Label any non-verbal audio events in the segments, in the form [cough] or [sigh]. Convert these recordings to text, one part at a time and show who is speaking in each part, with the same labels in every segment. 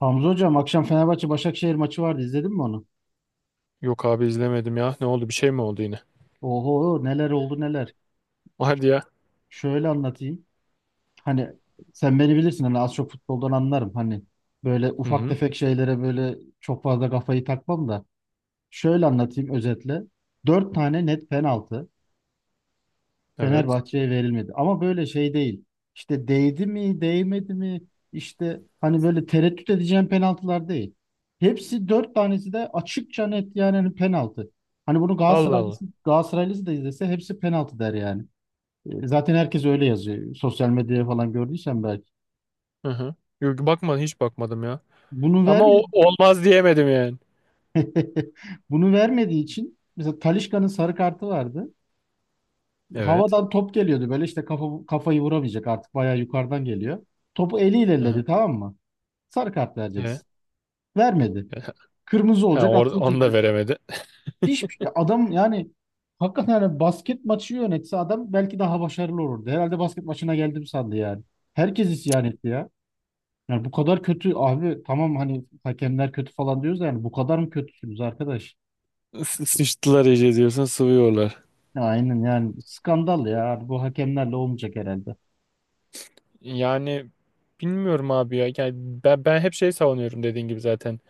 Speaker 1: Hamza hocam akşam Fenerbahçe Başakşehir maçı vardı izledin mi onu?
Speaker 2: Yok abi izlemedim ya. Ne oldu? Bir şey mi oldu yine?
Speaker 1: Oho neler oldu neler.
Speaker 2: [laughs] Hadi ya.
Speaker 1: Şöyle anlatayım. Hani sen beni bilirsin, hani az çok futboldan anlarım. Hani böyle
Speaker 2: Hı
Speaker 1: ufak
Speaker 2: hı.
Speaker 1: tefek şeylere böyle çok fazla kafayı takmam da. Şöyle anlatayım özetle. Dört tane net penaltı.
Speaker 2: Evet.
Speaker 1: Fenerbahçe'ye verilmedi. Ama böyle şey değil. İşte değdi mi, değmedi mi? İşte hani böyle tereddüt edeceğim penaltılar değil. Hepsi, dört tanesi de açıkça net, yani hani penaltı. Hani bunu
Speaker 2: Allah Allah.
Speaker 1: Galatasaraylısı da izlese hepsi penaltı der yani. E, zaten herkes öyle yazıyor. Sosyal medyaya falan gördüysen belki.
Speaker 2: Hı hı. Yok bakmadım hiç bakmadım ya.
Speaker 1: Bunu
Speaker 2: Ama o
Speaker 1: vermedi.
Speaker 2: olmaz diyemedim yani.
Speaker 1: [laughs] Bunu vermediği için mesela Talisca'nın sarı kartı vardı.
Speaker 2: Evet.
Speaker 1: Havadan top geliyordu, böyle işte kafayı vuramayacak, artık bayağı yukarıdan geliyor. Topu eliyle
Speaker 2: Hı hı.
Speaker 1: elledi, tamam mı? Sarı kart
Speaker 2: E?
Speaker 1: vereceksin. Vermedi.
Speaker 2: [laughs]
Speaker 1: Kırmızı
Speaker 2: Ha,
Speaker 1: olacak, atılacak.
Speaker 2: onu da veremedi.
Speaker 1: Hiçbir şey. Adam, yani hakikaten yani basket maçı yönetse adam belki daha başarılı olurdu. Herhalde basket maçına geldim sandı yani. Herkes isyan etti ya. Yani bu kadar kötü abi, tamam hani hakemler kötü falan diyoruz da, yani bu kadar mı kötüsünüz arkadaş?
Speaker 2: [laughs] Sıçtılar iyice diyorsun sıvıyorlar.
Speaker 1: Ya aynen, yani skandal ya, bu hakemlerle olmayacak herhalde.
Speaker 2: Yani bilmiyorum abi ya. Yani ben hep şey savunuyorum dediğin gibi zaten.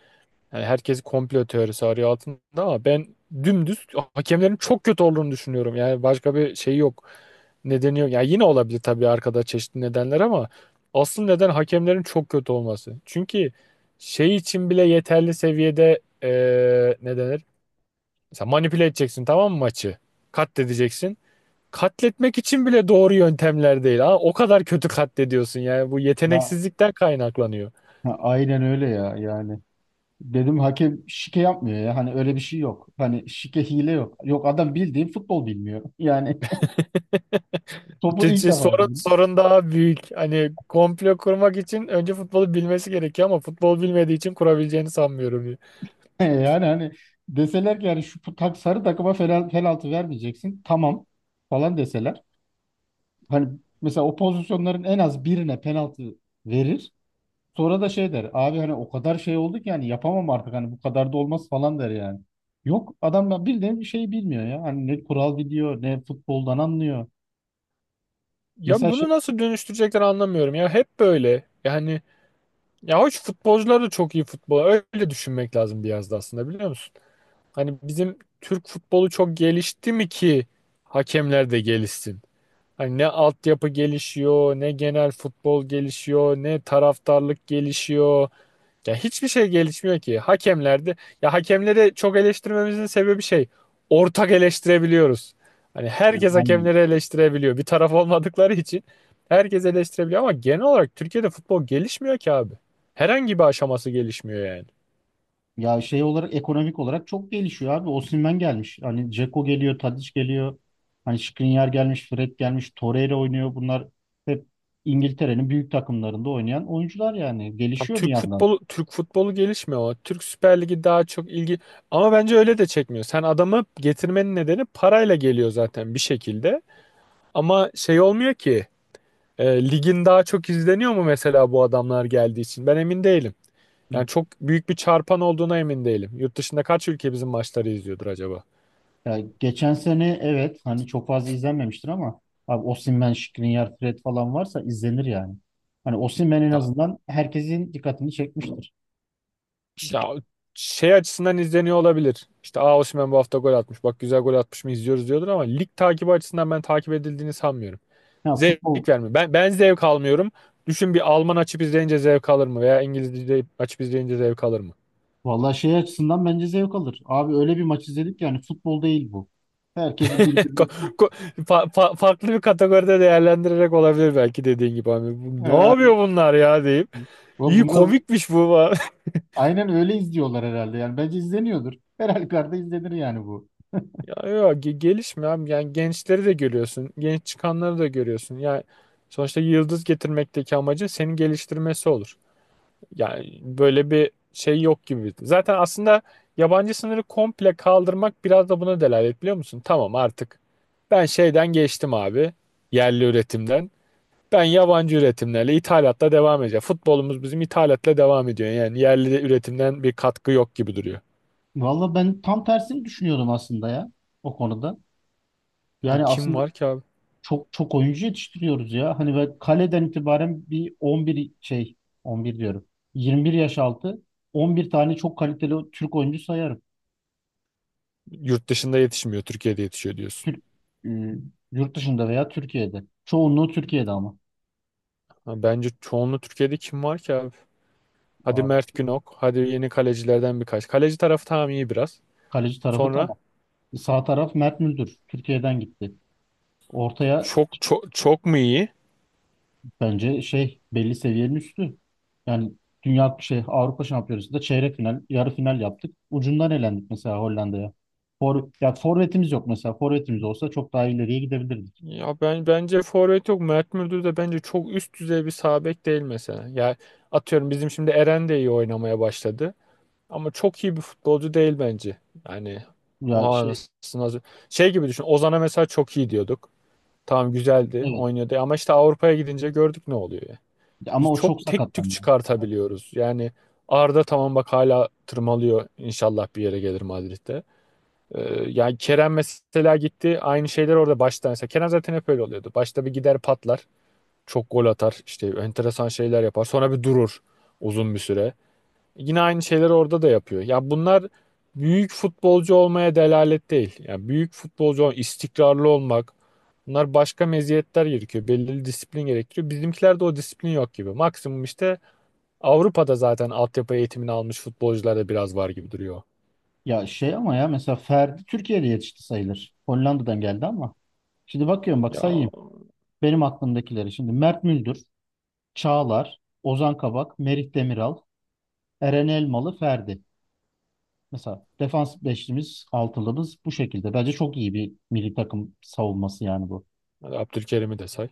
Speaker 2: Yani herkes komplo teorisi arıyor altında ama ben dümdüz hakemlerin çok kötü olduğunu düşünüyorum. Yani başka bir şey yok. Nedeni yok. Yani yine olabilir tabii arkada çeşitli nedenler ama asıl neden hakemlerin çok kötü olması. Çünkü şey için bile yeterli seviyede ne denir? Mesela manipüle edeceksin tamam mı maçı? Katledeceksin. Katletmek için bile doğru yöntemler değil. Aa, o kadar kötü katlediyorsun yani bu
Speaker 1: Ya
Speaker 2: yeteneksizlikten kaynaklanıyor.
Speaker 1: ha, aynen öyle ya, yani. Dedim hakem şike yapmıyor ya. Hani öyle bir şey yok. Hani şike hile yok. Yok, adam bildiğin futbol bilmiyor. [laughs] Yani topu
Speaker 2: C-
Speaker 1: ilk
Speaker 2: c-
Speaker 1: defa
Speaker 2: Sorun,
Speaker 1: giydin.
Speaker 2: sorun daha büyük. Hani komplo kurmak için önce futbolu bilmesi gerekiyor ama futbol bilmediği için kurabileceğini sanmıyorum.
Speaker 1: [laughs] Yani hani deseler ki yani şu sarı takıma penaltı vermeyeceksin. Tamam falan deseler. Hani mesela o pozisyonların en az birine penaltı verir. Sonra da şey der. Abi, hani o kadar şey oldu ki yani yapamam artık, hani bu kadar da olmaz falan der yani. Yok, adam ya bildiğin bir şey bilmiyor ya. Hani ne kural biliyor, ne futboldan anlıyor.
Speaker 2: Ya
Speaker 1: Mesela
Speaker 2: bunu
Speaker 1: şey,
Speaker 2: nasıl dönüştürecekler anlamıyorum ya. Hep böyle. Yani ya hoş futbolcular da çok iyi futbol. Öyle düşünmek lazım biraz da aslında biliyor musun? Hani bizim Türk futbolu çok gelişti mi ki hakemler de gelişsin? Hani ne altyapı gelişiyor, ne genel futbol gelişiyor, ne taraftarlık gelişiyor. Ya hiçbir şey gelişmiyor ki. Hakemlerde ya hakemleri çok eleştirmemizin sebebi şey. Ortak eleştirebiliyoruz. Hani
Speaker 1: yani
Speaker 2: herkes
Speaker 1: aynen.
Speaker 2: hakemleri eleştirebiliyor. Bir taraf olmadıkları için herkes eleştirebiliyor ama genel olarak Türkiye'de futbol gelişmiyor ki abi. Herhangi bir aşaması gelişmiyor yani.
Speaker 1: Ya şey olarak, ekonomik olarak çok gelişiyor abi. Osimhen gelmiş. Hani Dzeko geliyor, Tadic geliyor. Hani Skriniar gelmiş, Fred gelmiş, Torreira oynuyor. Bunlar hep İngiltere'nin büyük takımlarında oynayan oyuncular yani.
Speaker 2: Tam
Speaker 1: Gelişiyor bir
Speaker 2: Türk
Speaker 1: yandan.
Speaker 2: futbolu Türk futbolu gelişmiyor ama Türk Süper Ligi daha çok ilgi ama bence öyle de çekmiyor. Sen adamı getirmenin nedeni parayla geliyor zaten bir şekilde. Ama şey olmuyor ki. E, ligin daha çok izleniyor mu mesela bu adamlar geldiği için? Ben emin değilim. Yani çok büyük bir çarpan olduğuna emin değilim. Yurt dışında kaç ülke bizim maçları izliyordur acaba?
Speaker 1: Ya geçen sene evet, hani çok fazla izlenmemiştir ama abi Osimhen, Skriniar, Fred falan varsa izlenir yani. Hani Osimhen en
Speaker 2: Ya,
Speaker 1: azından herkesin dikkatini çekmiştir.
Speaker 2: ya şey açısından izleniyor olabilir. İşte Osimhen bu hafta gol atmış. Bak güzel gol atmış mı izliyoruz diyordur ama lig takibi açısından ben takip edildiğini sanmıyorum.
Speaker 1: Ya futbol
Speaker 2: Zevk vermiyor. Ben zevk almıyorum. Düşün bir Alman açıp izleyince zevk alır mı? Veya İngiliz açıp izleyince zevk alır mı?
Speaker 1: Vallahi şey açısından bence zevk alır. Abi öyle bir maç izledik, yani futbol değil bu. Herkesi
Speaker 2: Ko-
Speaker 1: birbirine tut.
Speaker 2: ko- farklı bir kategoride değerlendirerek olabilir belki dediğin gibi abi. Bu, ne
Speaker 1: Aynen.
Speaker 2: yapıyor bunlar ya deyip.
Speaker 1: Ve
Speaker 2: İyi
Speaker 1: bunlar
Speaker 2: komikmiş bu. [laughs] falan.
Speaker 1: aynen öyle izliyorlar herhalde. Yani bence izleniyordur. [laughs] Her halükarda izlenir yani bu.
Speaker 2: Ya, ya gelişme abi. Yani gençleri de görüyorsun. Genç çıkanları da görüyorsun. Yani sonuçta yıldız getirmekteki amacı senin geliştirmesi olur. Yani böyle bir şey yok gibi. Zaten aslında yabancı sınırı komple kaldırmak biraz da buna delalet biliyor musun? Tamam artık ben şeyden geçtim abi. Yerli üretimden. Ben yabancı üretimlerle, ithalatla devam edeceğim. Futbolumuz bizim ithalatla devam ediyor. Yani yerli de üretimden bir katkı yok gibi duruyor.
Speaker 1: Vallahi ben tam tersini düşünüyordum aslında ya, o konuda.
Speaker 2: Hani
Speaker 1: Yani
Speaker 2: kim
Speaker 1: aslında
Speaker 2: var ki abi?
Speaker 1: çok çok oyuncu yetiştiriyoruz ya. Hani ve kaleden itibaren bir 11 şey, 11 diyorum. 21 yaş altı 11 tane çok kaliteli Türk oyuncu sayarım.
Speaker 2: Yurt dışında yetişmiyor, Türkiye'de yetişiyor diyorsun.
Speaker 1: Türk e, yurt dışında veya Türkiye'de. Çoğunluğu Türkiye'de ama.
Speaker 2: Ha, bence çoğunluğu Türkiye'de kim var ki abi? Hadi
Speaker 1: Abi,
Speaker 2: Mert
Speaker 1: çok-
Speaker 2: Günok, hadi yeni kalecilerden birkaç. Kaleci tarafı tamam iyi biraz.
Speaker 1: Kaleci tarafı
Speaker 2: Sonra
Speaker 1: tamam. Sağ taraf Mert Müldür. Türkiye'den gitti. Ortaya,
Speaker 2: çok çok çok mu iyi?
Speaker 1: bence şey, belli seviyenin üstü. Yani dünya şey Avrupa Şampiyonası'nda çeyrek final, yarı final yaptık. Ucundan elendik mesela Hollanda'ya. Ya forvetimiz yok mesela. Forvetimiz olsa çok daha ileriye gidebilirdik.
Speaker 2: Ya ben bence forvet yok. Mert Müldür de bence çok üst düzey bir sağ bek değil mesela. Ya atıyorum bizim şimdi Eren de iyi oynamaya başladı. Ama çok iyi bir futbolcu değil bence. Yani
Speaker 1: Ya
Speaker 2: oha
Speaker 1: şey,
Speaker 2: nasıl nasıl. Şey gibi düşün. Ozan'a mesela çok iyi diyorduk. Tamam güzeldi,
Speaker 1: evet
Speaker 2: oynuyordu ama işte Avrupa'ya gidince gördük ne oluyor ya. Biz
Speaker 1: ama o
Speaker 2: çok
Speaker 1: çok
Speaker 2: tek tük
Speaker 1: sakatlandı.
Speaker 2: çıkartabiliyoruz. Yani Arda tamam bak hala tırmalıyor. İnşallah bir yere gelir Madrid'de. Ee, yani Kerem mesela gitti. Aynı şeyler orada başta mesela. Kerem zaten hep öyle oluyordu. Başta bir gider patlar. Çok gol atar. İşte enteresan şeyler yapar. Sonra bir durur uzun bir süre. Yine aynı şeyleri orada da yapıyor. Ya bunlar büyük futbolcu olmaya delalet değil. Yani büyük futbolcu olmak, istikrarlı olmak. Bunlar başka meziyetler gerekiyor. Belirli disiplin gerektiriyor. Bizimkilerde o disiplin yok gibi. Maksimum işte Avrupa'da zaten altyapı eğitimini almış futbolcularda biraz var gibi duruyor.
Speaker 1: Ya şey ama ya, mesela Ferdi Türkiye'de yetişti sayılır. Hollanda'dan geldi ama. Şimdi bakıyorum, bak
Speaker 2: Ya
Speaker 1: say. Benim aklımdakileri şimdi: Mert Müldür, Çağlar, Ozan Kabak, Merih Demiral, Eren Elmalı, Ferdi. Mesela defans beşlimiz, altılımız bu şekilde. Bence çok iyi bir milli takım savunması yani bu.
Speaker 2: hadi Abdülkerim'i de say.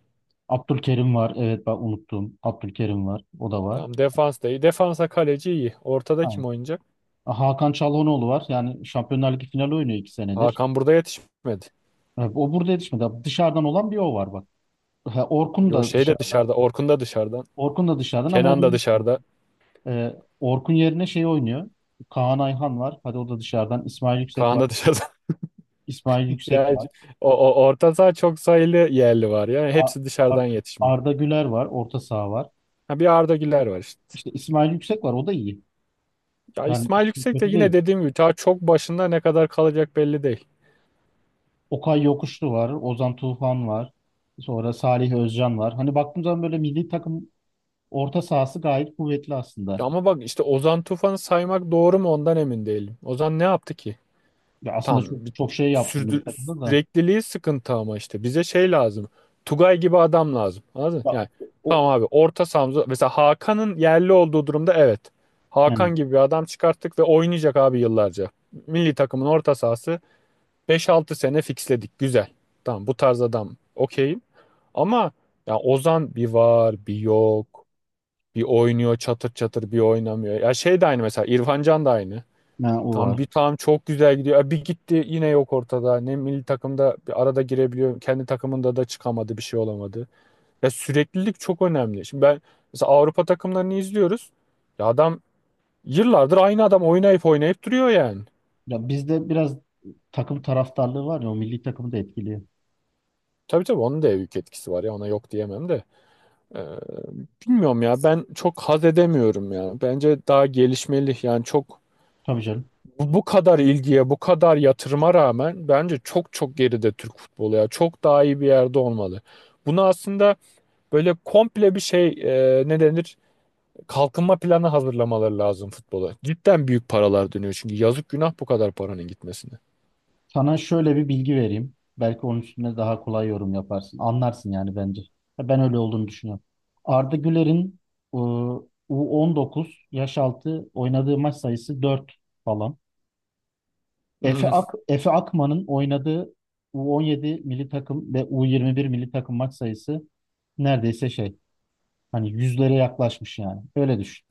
Speaker 1: Abdülkerim var. Evet, ben unuttum. Abdülkerim var. O da var.
Speaker 2: Tamam defans da iyi. Defansa kaleci iyi. Ortada kim
Speaker 1: Aynen.
Speaker 2: oynayacak?
Speaker 1: Hakan Çalhanoğlu var. Yani Şampiyonlar Ligi finali oynuyor 2 senedir.
Speaker 2: Hakan burada yetişmedi.
Speaker 1: Evet, o burada yetişmedi. Dışarıdan olan bir o var bak. Ha, Orkun
Speaker 2: Yo
Speaker 1: da
Speaker 2: şey de
Speaker 1: dışarıdan.
Speaker 2: dışarıda. Orkun da dışarıda.
Speaker 1: Orkun da dışarıdan ama o.
Speaker 2: Kenan da dışarıda.
Speaker 1: Orkun yerine şey oynuyor. Kaan Ayhan var. Hadi, o da dışarıdan. İsmail Yüksek
Speaker 2: Kaan
Speaker 1: var.
Speaker 2: da dışarıda.
Speaker 1: İsmail Yüksek
Speaker 2: Yani
Speaker 1: var.
Speaker 2: o orta saha çok sayılı yerli var ya.
Speaker 1: A-
Speaker 2: Hepsi
Speaker 1: Ar-
Speaker 2: dışarıdan yetişme.
Speaker 1: Arda Güler var. Orta saha var.
Speaker 2: Ha, bir Arda Güler var işte.
Speaker 1: İşte İsmail Yüksek var. O da iyi.
Speaker 2: Ya
Speaker 1: Yani
Speaker 2: İsmail
Speaker 1: işin
Speaker 2: Yüksek de
Speaker 1: kötü
Speaker 2: yine
Speaker 1: değil.
Speaker 2: dediğim gibi ta çok başında ne kadar kalacak belli değil.
Speaker 1: Okay Yokuşlu var. Ozan Tufan var. Sonra Salih Özcan var. Hani baktığım zaman böyle milli takım orta sahası gayet kuvvetli
Speaker 2: Ya
Speaker 1: aslında.
Speaker 2: ama bak işte Ozan Tufan'ı saymak doğru mu ondan emin değilim. Ozan ne yaptı ki?
Speaker 1: Ya aslında çok
Speaker 2: Tam bir,
Speaker 1: çok
Speaker 2: bir
Speaker 1: şey yaptım milli takımda da.
Speaker 2: sürekliliği sıkıntı ama işte bize şey lazım. Tugay gibi adam lazım. Anladın mı?
Speaker 1: Ya,
Speaker 2: Yani tamam
Speaker 1: o,
Speaker 2: abi orta sahamıza mesela Hakan'ın yerli olduğu durumda evet.
Speaker 1: yani,
Speaker 2: Hakan gibi bir adam çıkarttık ve oynayacak abi yıllarca. Milli takımın orta sahası 5-6 sene fixledik. Güzel. Tamam bu tarz adam okeyim. Ama ya Ozan bir var bir yok. Bir oynuyor çatır çatır bir oynamıyor. Ya şey de aynı mesela İrfan Can da aynı.
Speaker 1: ha, o
Speaker 2: Tam
Speaker 1: var.
Speaker 2: bir tam çok güzel gidiyor. E, bir gitti yine yok ortada. Ne milli takımda bir arada girebiliyor. Kendi takımında da çıkamadı. Bir şey olamadı. Ya süreklilik çok önemli. Şimdi ben mesela Avrupa takımlarını izliyoruz. Ya adam yıllardır aynı adam oynayıp oynayıp duruyor yani.
Speaker 1: Ya bizde biraz takım taraftarlığı var ya, o milli takımı da etkiliyor.
Speaker 2: Tabii tabii onun da büyük etkisi var ya ona yok diyemem de. Ee, bilmiyorum ya ben çok haz edemiyorum ya. Bence daha gelişmeli yani çok.
Speaker 1: Tabii canım.
Speaker 2: Bu kadar ilgiye, bu kadar yatırıma rağmen bence çok çok geride Türk futbolu ya. Çok daha iyi bir yerde olmalı. Bunu aslında böyle komple bir şey ne denir? Kalkınma planı hazırlamaları lazım futbola. Cidden büyük paralar dönüyor çünkü yazık günah bu kadar paranın gitmesine.
Speaker 1: Sana şöyle bir bilgi vereyim. Belki onun üstüne daha kolay yorum yaparsın. Anlarsın yani, bence. Ya ben öyle olduğunu düşünüyorum. Arda Güler'in e, U19 yaş altı oynadığı maç sayısı 4 falan.
Speaker 2: [laughs]
Speaker 1: Efe Akman'ın oynadığı U17 milli takım ve U21 milli takım maç sayısı neredeyse şey, hani yüzlere yaklaşmış yani. Öyle düşün.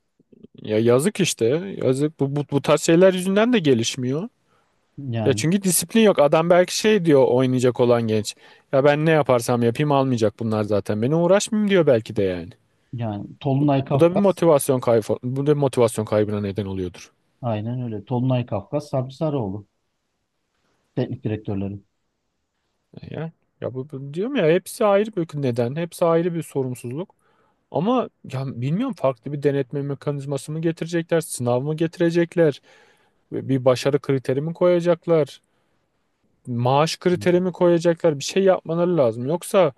Speaker 2: Ya yazık işte. Yazık bu tarz şeyler yüzünden de gelişmiyor. Ya
Speaker 1: Yani
Speaker 2: çünkü disiplin yok. Adam belki şey diyor oynayacak olan genç. Ya ben ne yaparsam yapayım almayacak bunlar zaten. Beni uğraşmayayım diyor belki de yani.
Speaker 1: yani Tolunay
Speaker 2: Bu da bir
Speaker 1: Kafkas,
Speaker 2: motivasyon kaybı, bu da bir motivasyon kaybına neden oluyordur.
Speaker 1: aynen öyle. Tolunay Kafkas, Sabri Sarıoğlu teknik direktörleri.
Speaker 2: Ya, ya bu diyorum ya hepsi ayrı bir neden, hepsi ayrı bir sorumsuzluk. Ama ya bilmiyorum farklı bir denetme mekanizması mı getirecekler, sınav mı getirecekler, bir başarı kriteri mi koyacaklar, maaş kriteri mi koyacaklar, bir şey yapmaları lazım. Yoksa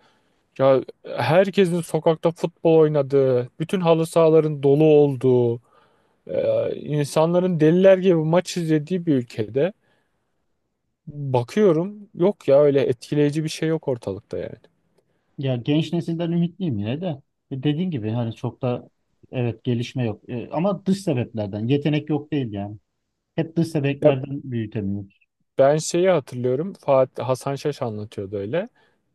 Speaker 2: ya herkesin sokakta futbol oynadığı, bütün halı sahaların dolu olduğu, e, insanların deliler gibi maç izlediği bir ülkede. Bakıyorum yok ya öyle etkileyici bir şey yok ortalıkta yani.
Speaker 1: Ya, genç nesilden ümitliyim yine de. E, dediğin gibi hani çok da evet gelişme yok. E, ama dış sebeplerden. Yetenek yok değil yani. Hep dış
Speaker 2: Ya
Speaker 1: sebeplerden büyütemiyoruz.
Speaker 2: ben şeyi hatırlıyorum Hasan Şaş anlatıyordu öyle.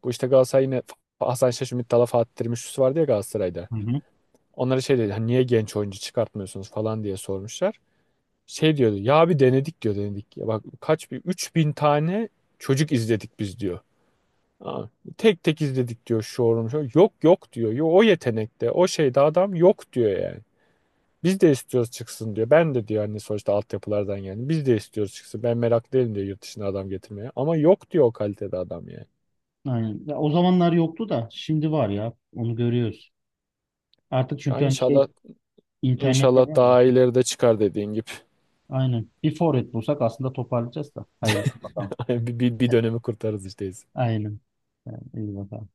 Speaker 2: Bu işte Galatasaray yine Hasan Şaş, Ümit Dala, Fatih Terim üçlüsü vardı ya Galatasaray'da.
Speaker 1: Hı hı.
Speaker 2: Onlara şey dedi hani niye genç oyuncu çıkartmıyorsunuz falan diye sormuşlar. Şey diyordu ya bir denedik diyor denedik. Ya bak bir 3.000 tane çocuk izledik biz diyor. Aa, tek tek izledik diyor şu orum. Yok yok diyor. Yo, o yetenekte o şeyde adam yok diyor yani. Biz de istiyoruz çıksın diyor. Ben de diyor hani sonuçta altyapılardan yani. Biz de istiyoruz çıksın. Ben merak değilim diyor yurt dışına adam getirmeye. Ama yok diyor o kalitede adam yani.
Speaker 1: Aynen. Ya o zamanlar yoktu da şimdi var ya. Onu görüyoruz. Artık
Speaker 2: Ya
Speaker 1: çünkü hani şey,
Speaker 2: inşallah
Speaker 1: internette
Speaker 2: inşallah
Speaker 1: var mı?
Speaker 2: daha ileride çıkar dediğin gibi.
Speaker 1: Aynen. Bir forvet bulsak aslında toparlayacağız da. Hayırlı bakalım.
Speaker 2: [laughs] Bir dönemi kurtarız işte
Speaker 1: Aynen. Yani, iyi bakalım.